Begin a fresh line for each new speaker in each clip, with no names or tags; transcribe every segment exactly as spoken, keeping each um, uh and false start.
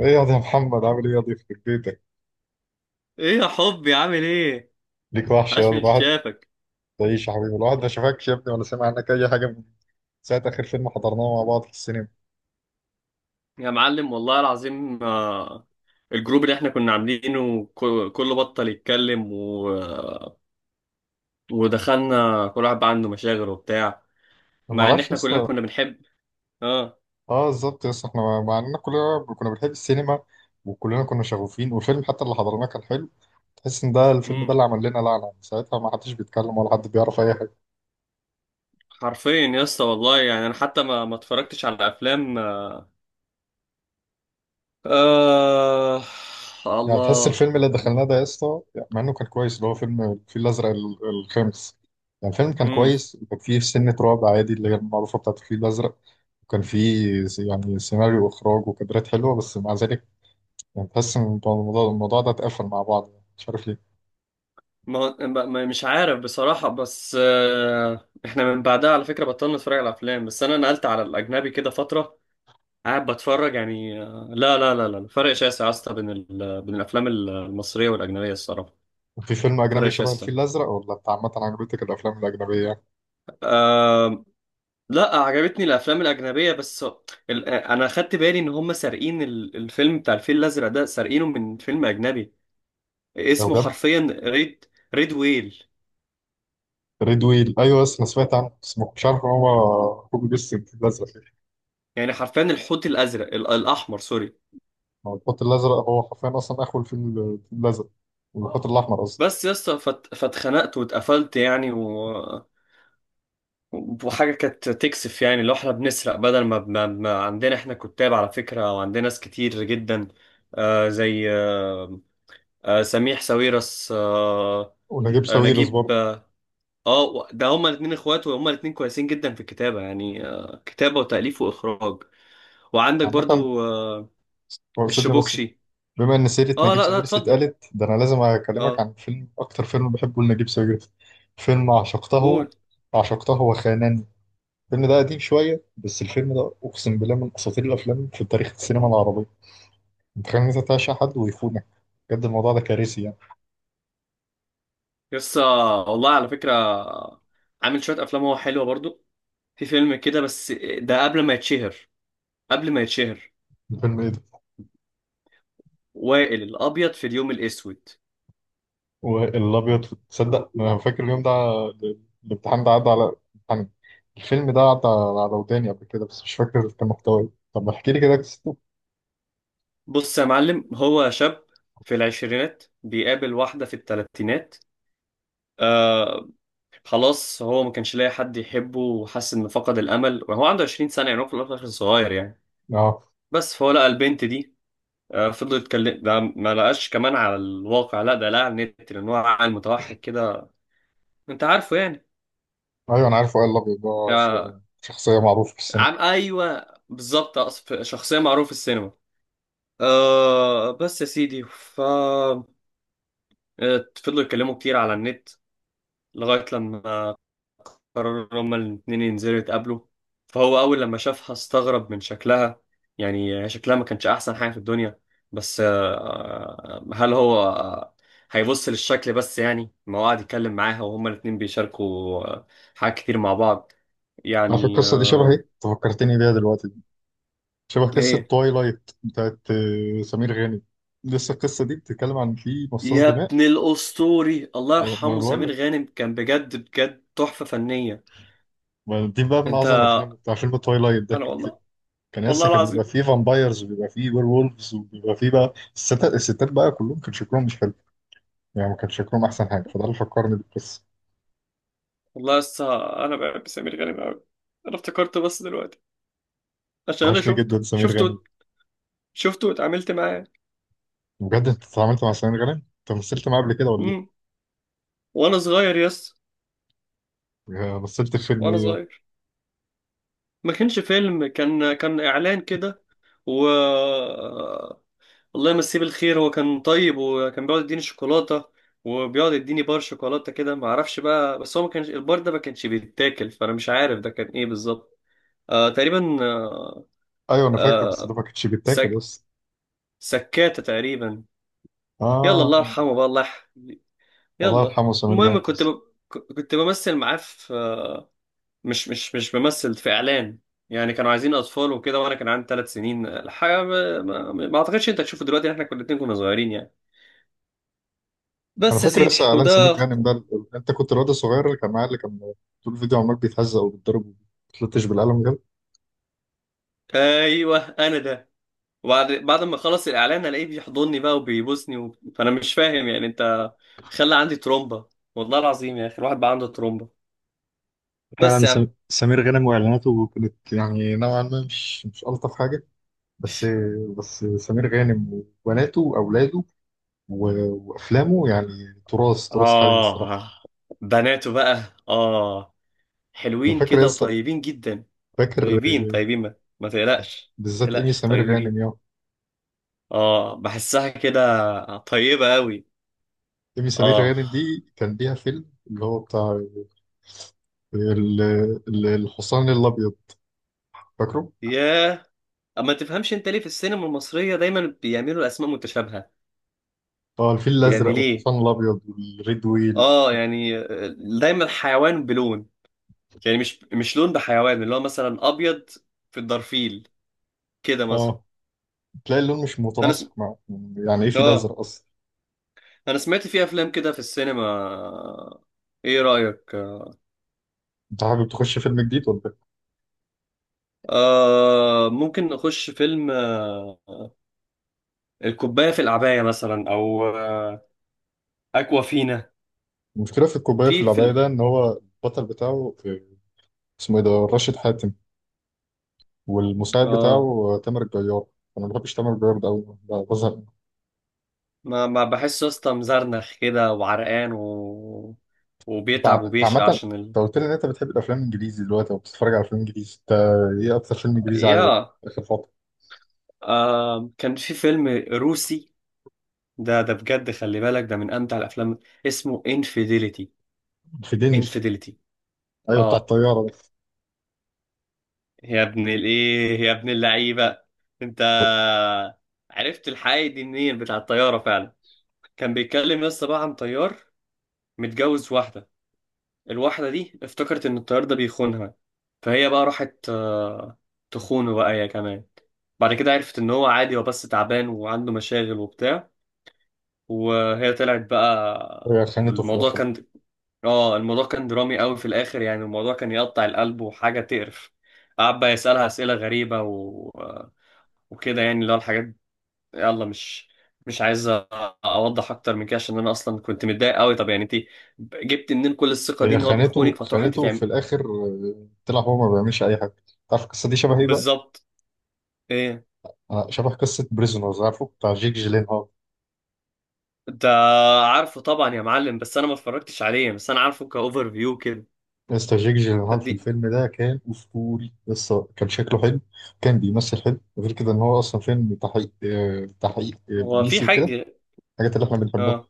ايه ياض؟ يا ده محمد عامل ايه ياض في بيتك؟
ايه يا حبي، عامل ايه؟
ليك وحش
عاش
ياض
من
الواحد.
شافك.
تعيش يا حبيبي، الواحد ما شافكش يا ابني ولا سمع عنك اي حاجه من ساعه اخر فيلم حضرناه مع بعض في السينما.
يا معلم والله العظيم. آه، الجروب اللي احنا كنا عاملينه كو- كله بطل يتكلم و... ودخلنا، كل واحد بقى عنده مشاغل وبتاع.
أنا ما
مع ان
اعرفش
احنا كلنا
لسه.
كنا بنحب. اه
اه بالظبط، لسه احنا مع اننا كلنا كنا بنحب السينما وكلنا كنا شغوفين، والفيلم حتى اللي حضرناه كان حلو. تحس ان ده الفيلم ده
امم
اللي عمل لنا لعنه، من ساعتها ما حدش بيتكلم ولا حد بيعرف اي حاجه.
حرفيا يا اسطى والله، يعني انا حتى ما ما اتفرجتش على افلام. آه
يعني تحس
الله.
الفيلم اللي دخلناه ده يا اسطى، يعني مع انه كان كويس، اللي هو فيلم الفيل الازرق ال- الخامس. يعني الفيلم كان
امم
كويس وكان فيه سنة رعب عادي، اللي هي المعروفة بتاعت الفيل الازرق. وكان فيه س- يعني سيناريو واخراج وكادرات حلوة، بس مع ذلك يعني تحس ان الموضوع الموضوع ده اتقفل مع بعض، يعني مش عارف ليه.
ما ما- ما- مش عارف بصراحة، بس آه، احنا من بعدها على فكرة بطلنا نتفرج على افلام، بس انا نقلت على الاجنبي كده فترة قاعد بتفرج. يعني آه، لا لا لا لا، فرق شاسع يا اسطى بين ال... بين الافلام المصريه والاجنبيه الصراحه.
في فيلم
فرق
اجنبي شبه
شاسع.
الفيل الازرق، ولا انت عامة عجبتك الافلام الاجنبيه يعني؟
أه... لا، عجبتني الافلام الاجنبيه، بس ال... انا خدت بالي ان هم سارقين ال... الفيلم بتاع الفيل الازرق ده، سارقينه من فيلم اجنبي
لو
اسمه
بجد.
حرفيا ريد. ريد ويل.
ريد ويل، ايوه بس انا سمعت عنه، بس ما كنتش عارف ان هو كوبي بيست الفيل الازرق.
يعني حرفيا الحوت الازرق، ال... الاحمر، سوري.
ما هو الخط الازرق هو حرفيا اصلا اخو الفيل الفيل الازرق. والخط الاحمر قصدي.
بس يا اسطى، فت... فاتخنقت واتقفلت يعني و... وحاجة كانت تكسف، يعني لو احنا بنسرق بدل ما, ما, ما عندنا احنا كتاب على فكرة، وعندنا ناس كتير جدا. آه زي آه آه سميح ساويرس، آه
ونجيب
آه
ساويرس
نجيب،
برضه.
اه آه، ده هما الاتنين اخوات، وهما الاتنين كويسين جدا في الكتابة. يعني آه كتابة وتأليف وإخراج. وعندك
عامة
برضو آه
ورثتني بس.
الشبوكشي.
بما إن سيرة
اه
نجيب
لا لا،
ساويرس
اتفضل.
اتقالت، ده أنا لازم أكلمك
اه
عن فيلم، أكتر فيلم بحبه لنجيب ساويرس. فيلم عشقته.
قول.
عشقته وخانني. الفيلم ده قديم شوية، بس الفيلم ده أقسم بالله من أساطير الأفلام في تاريخ السينما العربية. متخيل إن أنت تعشق حد ويخونك؟ بجد الموضوع ده كارثي يعني.
يس. آه، والله على فكرة، آه، عامل شوية أفلام هو حلوة برضو. في فيلم كده بس، آه، ده قبل ما يتشهر، قبل ما يتشهر.
الفيلم إيه ده؟
وائل الأبيض في اليوم الأسود.
والأبيض تصدق أنا فاكر اليوم ده. ال- الامتحان ده عدى على. الامتحان. الفيلم ده عدى على وداني قبل كده، بس مش فاكر كان محتواه إيه. طب احكي لي كده.
بص يا معلم، هو شاب في العشرينات بيقابل واحدة في التلاتينات. آه خلاص، هو ما كانش لاقي حد يحبه وحس إنه فقد الأمل، وهو عنده 20 سنة، يعني هو في الأول وفي الآخر صغير يعني.
اه،
بس فهو لقى البنت دي. آه فضل يتكلم، ده ما لقاش كمان على الواقع، لا، ده لقى على النت، لأن هو عقل متوحد كده، أنت عارفه يعني.
ايوه انا عارف وائل الابيض ده. ش-
آه
شخصيه معروفه في السينما.
عم أيوه بالظبط، أقصد- شخصية معروفة في السينما. آه بس يا سيدي، ف آه، فضلوا يتكلموا كتير على النت لغاية لما قرروا هما الاتنين ينزلوا يتقابلوا. فهو أول لما شافها استغرب من شكلها، يعني شكلها ما كانش أحسن حاجة في الدنيا. بس آه، آه، هل هو آه، هيبص للشكل بس؟ يعني ما هو قاعد يتكلم معاها وهما الاتنين بيشاركوا آه، حاجات كتير مع بعض
على فكره
يعني
القصه دي شبه ايه؟
آه،
انت فكرتني بيها دلوقتي. شبه قصه
إيه.
توايلايت بتاعت آه، سمير غانم. لسه القصه دي بتتكلم عن في مصاص
يا
دماء.
ابن الأسطوري، الله
ولا- ما انا
يرحمه
بقول
سمير
لك.
غانم، كان بجد بجد تحفة فنية.
ما دي بقى من
أنت
اعظم افلام، بتاع فيلم توايلايت ده
أنا
كان.
والله.
كان
والله
لسه كان بيبقى
العظيم.
فيه فامبايرز، وبيبقى فيه وير وولفز، وبيبقى فيه بقى الستات، الستات بقى كلهم كان شكلهم مش حلو. يعني ما كان شكلهم احسن حاجه، فده اللي فكرني بالقصه.
والله لسه انا بحب سمير غانم قوي. انا افتكرت بس دلوقتي، عشان انا
وحشني
شفته
جدا سمير
شفته
غانم.
شفته واتعاملت معاه.
بجد انت اتعاملت مع سمير غانم؟ انت مثلت معاه قبل كده ولا؟
امم وانا صغير. يس،
يا مثلت الفيلم
وانا
ايه يابا؟
صغير. ما كانش فيلم، كان كان اعلان كده. و الله يمسيه بالخير، هو كان طيب وكان بيقعد يديني شوكولاته، وبيقعد يديني بار شوكولاته كده، ما اعرفش بقى، بس هو ما كانش البار ده، ما كانش بيتاكل، فانا مش عارف ده كان ايه بالظبط. آه تقريبا. آه
ايوه انا فاكر، بس
آه
ده ما كانش بيتاكل
سك...
بس.
سكاته تقريبا. يلا، الله
اه.
يرحمه بقى، الله يح-
الله
يلا.
يرحمه سمير
المهم،
غانم
كنت
بس.
ب... كنت بمثل معاه في، مش مش مش بمثل، في اعلان. يعني كانوا عايزين اطفال وكده، وانا كان عندي ثلاث سنين الحقيقه، ما... ما... ما اعتقدش انت هتشوفه دلوقتي، احنا كنا الاتنين كنا صغيرين يعني.
انا
بس يا
فاكر
سيدي،
لسه اعلان سمير
وده
غانم ده، ال- ال- انت كنت الواد الصغير اللي كان معاه اللي كان طول الفيديو عمال بيتهزق وبيتضرب وبيتلطش بالقلم جنب.
ايوه انا ده. وبعد بعد ما خلص الاعلان الاقيه بيحضني بقى وبيبوسني و... فانا مش فاهم يعني. انت خلى عندي ترومبا، والله العظيم يا اخي، الواحد بقى عنده ترومبا. بس
فعلا
يا
سم...
عم،
سمير غانم واعلاناته كانت يعني نوعا ما مش مش ألطف حاجة. بس. بس سمير غانم وبناته وأولاده و- وأفلامه يعني تراث، تراث حي الصراحة.
آه بناته بقى، آه
أنا
حلوين
فاكر
كده
لسه.
وطيبين جدا.
فاكر.
طيبين طيبين، ما, ما تقلقش ما
بالذات إيمي
تقلقش،
سمير غانم.
طيبين. اه بحسها كده طيبة قوي.
إيمي سمير
اه
غانم دي كان ليها فيلم اللي هو بتاع ال- ال- الحصان الأبيض. فاكره؟
ياه، اما تفهمش انت ليه في السينما المصرية دايما بيعملوا اسماء متشابهة؟
اه، الفيل
يعني
الأزرق
ليه؟
والحصان الأبيض والريد ويل.
اه يعني آه، دايما حيوان بلون، يعني مش مش لون بحيوان، اللي هو مثلا ابيض في الدرفيل كده مثلا.
اه، تلاقي اللون مش
انا سم...
متناسق معه، يعني يعني إيه فيل
اه
أزرق أصلا؟
انا سمعت في افلام كده في السينما. ايه رأيك؟
أنت حابب تخش فيلم جديد ولا إيه؟
آه ممكن نخش فيلم. آه الكوباية في العباية مثلا، أو آه أكوا فينا.
المشكلة في الكوباية
في
في العباية
الفيلم
ده إن هو البطل بتاعه آه، اسمه إيه ده؟ راشد حاتم. والمساعد بتاعه
آه
آه، تامر الجيار. أنا ما بحبش تامر الجيار ده أوي. بزهق.
ما, ما بحسه يا اسطى مزرنخ كده وعرقان، و...
انت ع-
وبيتعب
انت عامة
وبيشقى
انت
عشان ال...
قلت لي ان انت بتحب الافلام الانجليزي دلوقتي، او بتتفرج على افلام انجليزي انت. ايه اكتر فيلم انجليزي عجبك
يا.
اخر فترة؟
آه كان في فيلم روسي، ده ده بجد خلي بالك، ده من أمتع الأفلام، اسمه انفيديليتي.
في دينش.
انفيديليتي.
ايوه بتاع
آه
الطيارة.
يا ابن الإيه يا ابن اللعيبة، أنت عرفت الحقيقة دي منين؟ بتاع الطيارة فعلا. كان بيتكلم لسه بقى عن طيار متجوز واحدة، الواحدة دي افتكرت إن الطيار ده بيخونها، فهي بقى راحت آه، تخونه بقى هي كمان. بعد كده عرفت إن هو عادي، هو بس تعبان وعنده مشاغل وبتاع، وهي طلعت بقى.
ده هي خانته في
الموضوع
الاخر؟
كان، اه الموضوع كان درامي قوي في الآخر، يعني الموضوع كان يقطع القلب وحاجة تقرف. قعد بقى يسألها أسئلة غريبة و... وكده يعني، اللي هو الحاجات. يلا، مش مش عايز أ- اوضح اكتر من كده، عشان انا اصلا كنت متضايق قوي. طب يعني انت جبت منين كل الثقه دي،
هي
ان هو
خانته،
بيخونك فتروح انت
خانته في
تعمل؟
الاخر، آه، طلع هو ما بيعملش اي حاجة. تعرف القصة دي شبه ايه بقى؟
بالظبط. ايه
آه، شبه قصة بريزونرز، عارفه بتاع جيك جيلينهال.
ده؟ عارفه طبعا يا معلم، بس انا ما اتفرجتش عليه، بس انا عارفه كاوفر فيو كده.
لسه جيك جيلينهال في
فدي
الفيلم ده كان اسطوري، لسه كان شكله حلو. كان بيمثل حلو، غير كده ان هو اصلا فيلم تحقيق، آه، تحقيق آه،
هو في
بوليسي وكده.
حاجه.
الحاجات اللي احنا بنحبها.
اه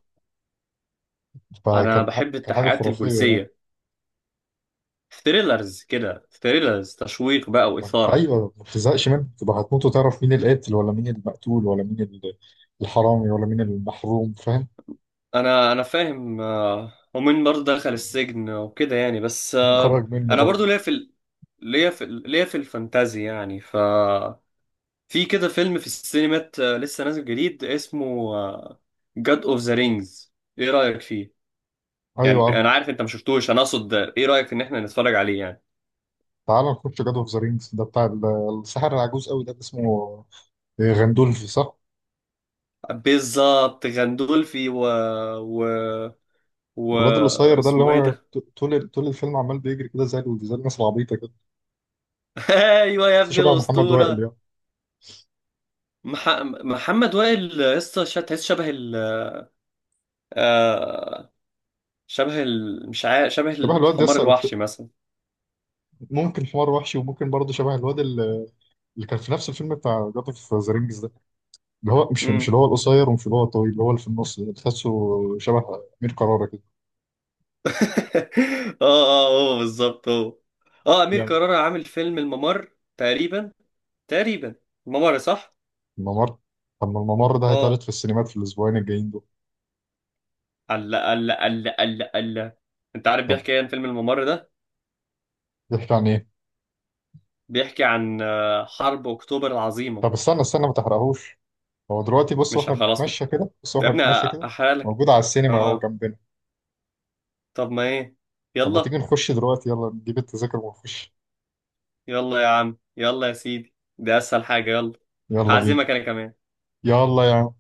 انا
فكان ح-
بحب
كان حاجة
التحقيقات
خرافية يعني.
البوليسيه. ثريلرز كده، ثريلرز تشويق بقى واثاره.
أيوة ما بتزهقش منه، تبقى هتموت وتعرف مين القاتل ولا مين المقتول ولا مين ال- الحرامي ولا مين المحروم، فاهم؟
انا انا فاهم آه، ومين برضه دخل السجن وكده يعني، بس
مين
آه،
خرج منه
انا برضه
برضه.
ليا في ال... ليا في ال- ليا في الفانتازي يعني. ف في كده فيلم في السينمات، آه، لسه نازل جديد اسمه جاد اوف ذا رينجز. ايه رأيك فيه؟ يعني
أيوة عارف.
انا عارف انت ما شفتوش، انا اقصد ايه رأيك ان احنا نتفرج عليه يعني.
تعال نخش جاد أوف ذا رينجز ده، بتاع ال- الساحر العجوز قوي ده اللي اسمه غندولف صح؟
بالظبط، غندولفي، و و و
الواد القصير ده اللي
اسمه ايه
هو
ده؟
ط- طول طول الفيلم عمال بيجري كده زي ال- زي الناس العبيطة كده.
ايوه يا
بس
ابني
شبه محمد وائل
الاسطوره.
يعني.
مح... محمد وائل. لسه شا- تحس شبه، آه شبه ال... مش عارف، شبه
شبه الواد
الحمار
يسأل.
الوحشي مثلا.
ممكن حمار وحشي، وممكن برضه شبه الواد اللي، اللي كان في نفس الفيلم بتاع جاد أوف ذا رينجز، اللي هو مش مش
امم
اللي هو القصير، ومش اللي هو الطويل، اللي هو اللي في النص ده تحسه شبه أمير كرارة كده
اه اه هو بالظبط هو. اه امير
يعني.
كرارة عامل فيلم الممر. تقريبا، تقريبا، الممر صح.
الممر. طب ما الممر ده هيتعرض
اه
في السينمات في الأسبوعين الجايين دول.
الله الله الله الله الله. انت عارف
طب
بيحكي ايه عن فيلم الممر ده؟
بيحكي عن إيه؟
بيحكي عن آه، حرب اكتوبر العظيمه.
طب استنى استنى، ما تحرقهوش. هو دلوقتي بص
مش ه-
واحنا
خلاص
بنتمشى كده، بص
يا
واحنا
ابني،
بنتمشى
أ-
كده،
احرق لك.
موجود على السينما اهو
اه
جنبنا.
طب ما ايه،
طب ما
يلا.
تيجي نخش دلوقتي، يلا نجيب التذاكر ونخش.
يلا يا عم، يلا يا سيدي، دي اسهل حاجه، يلا.
يلا بينا.
هعزمك انا كمان.
يلا يا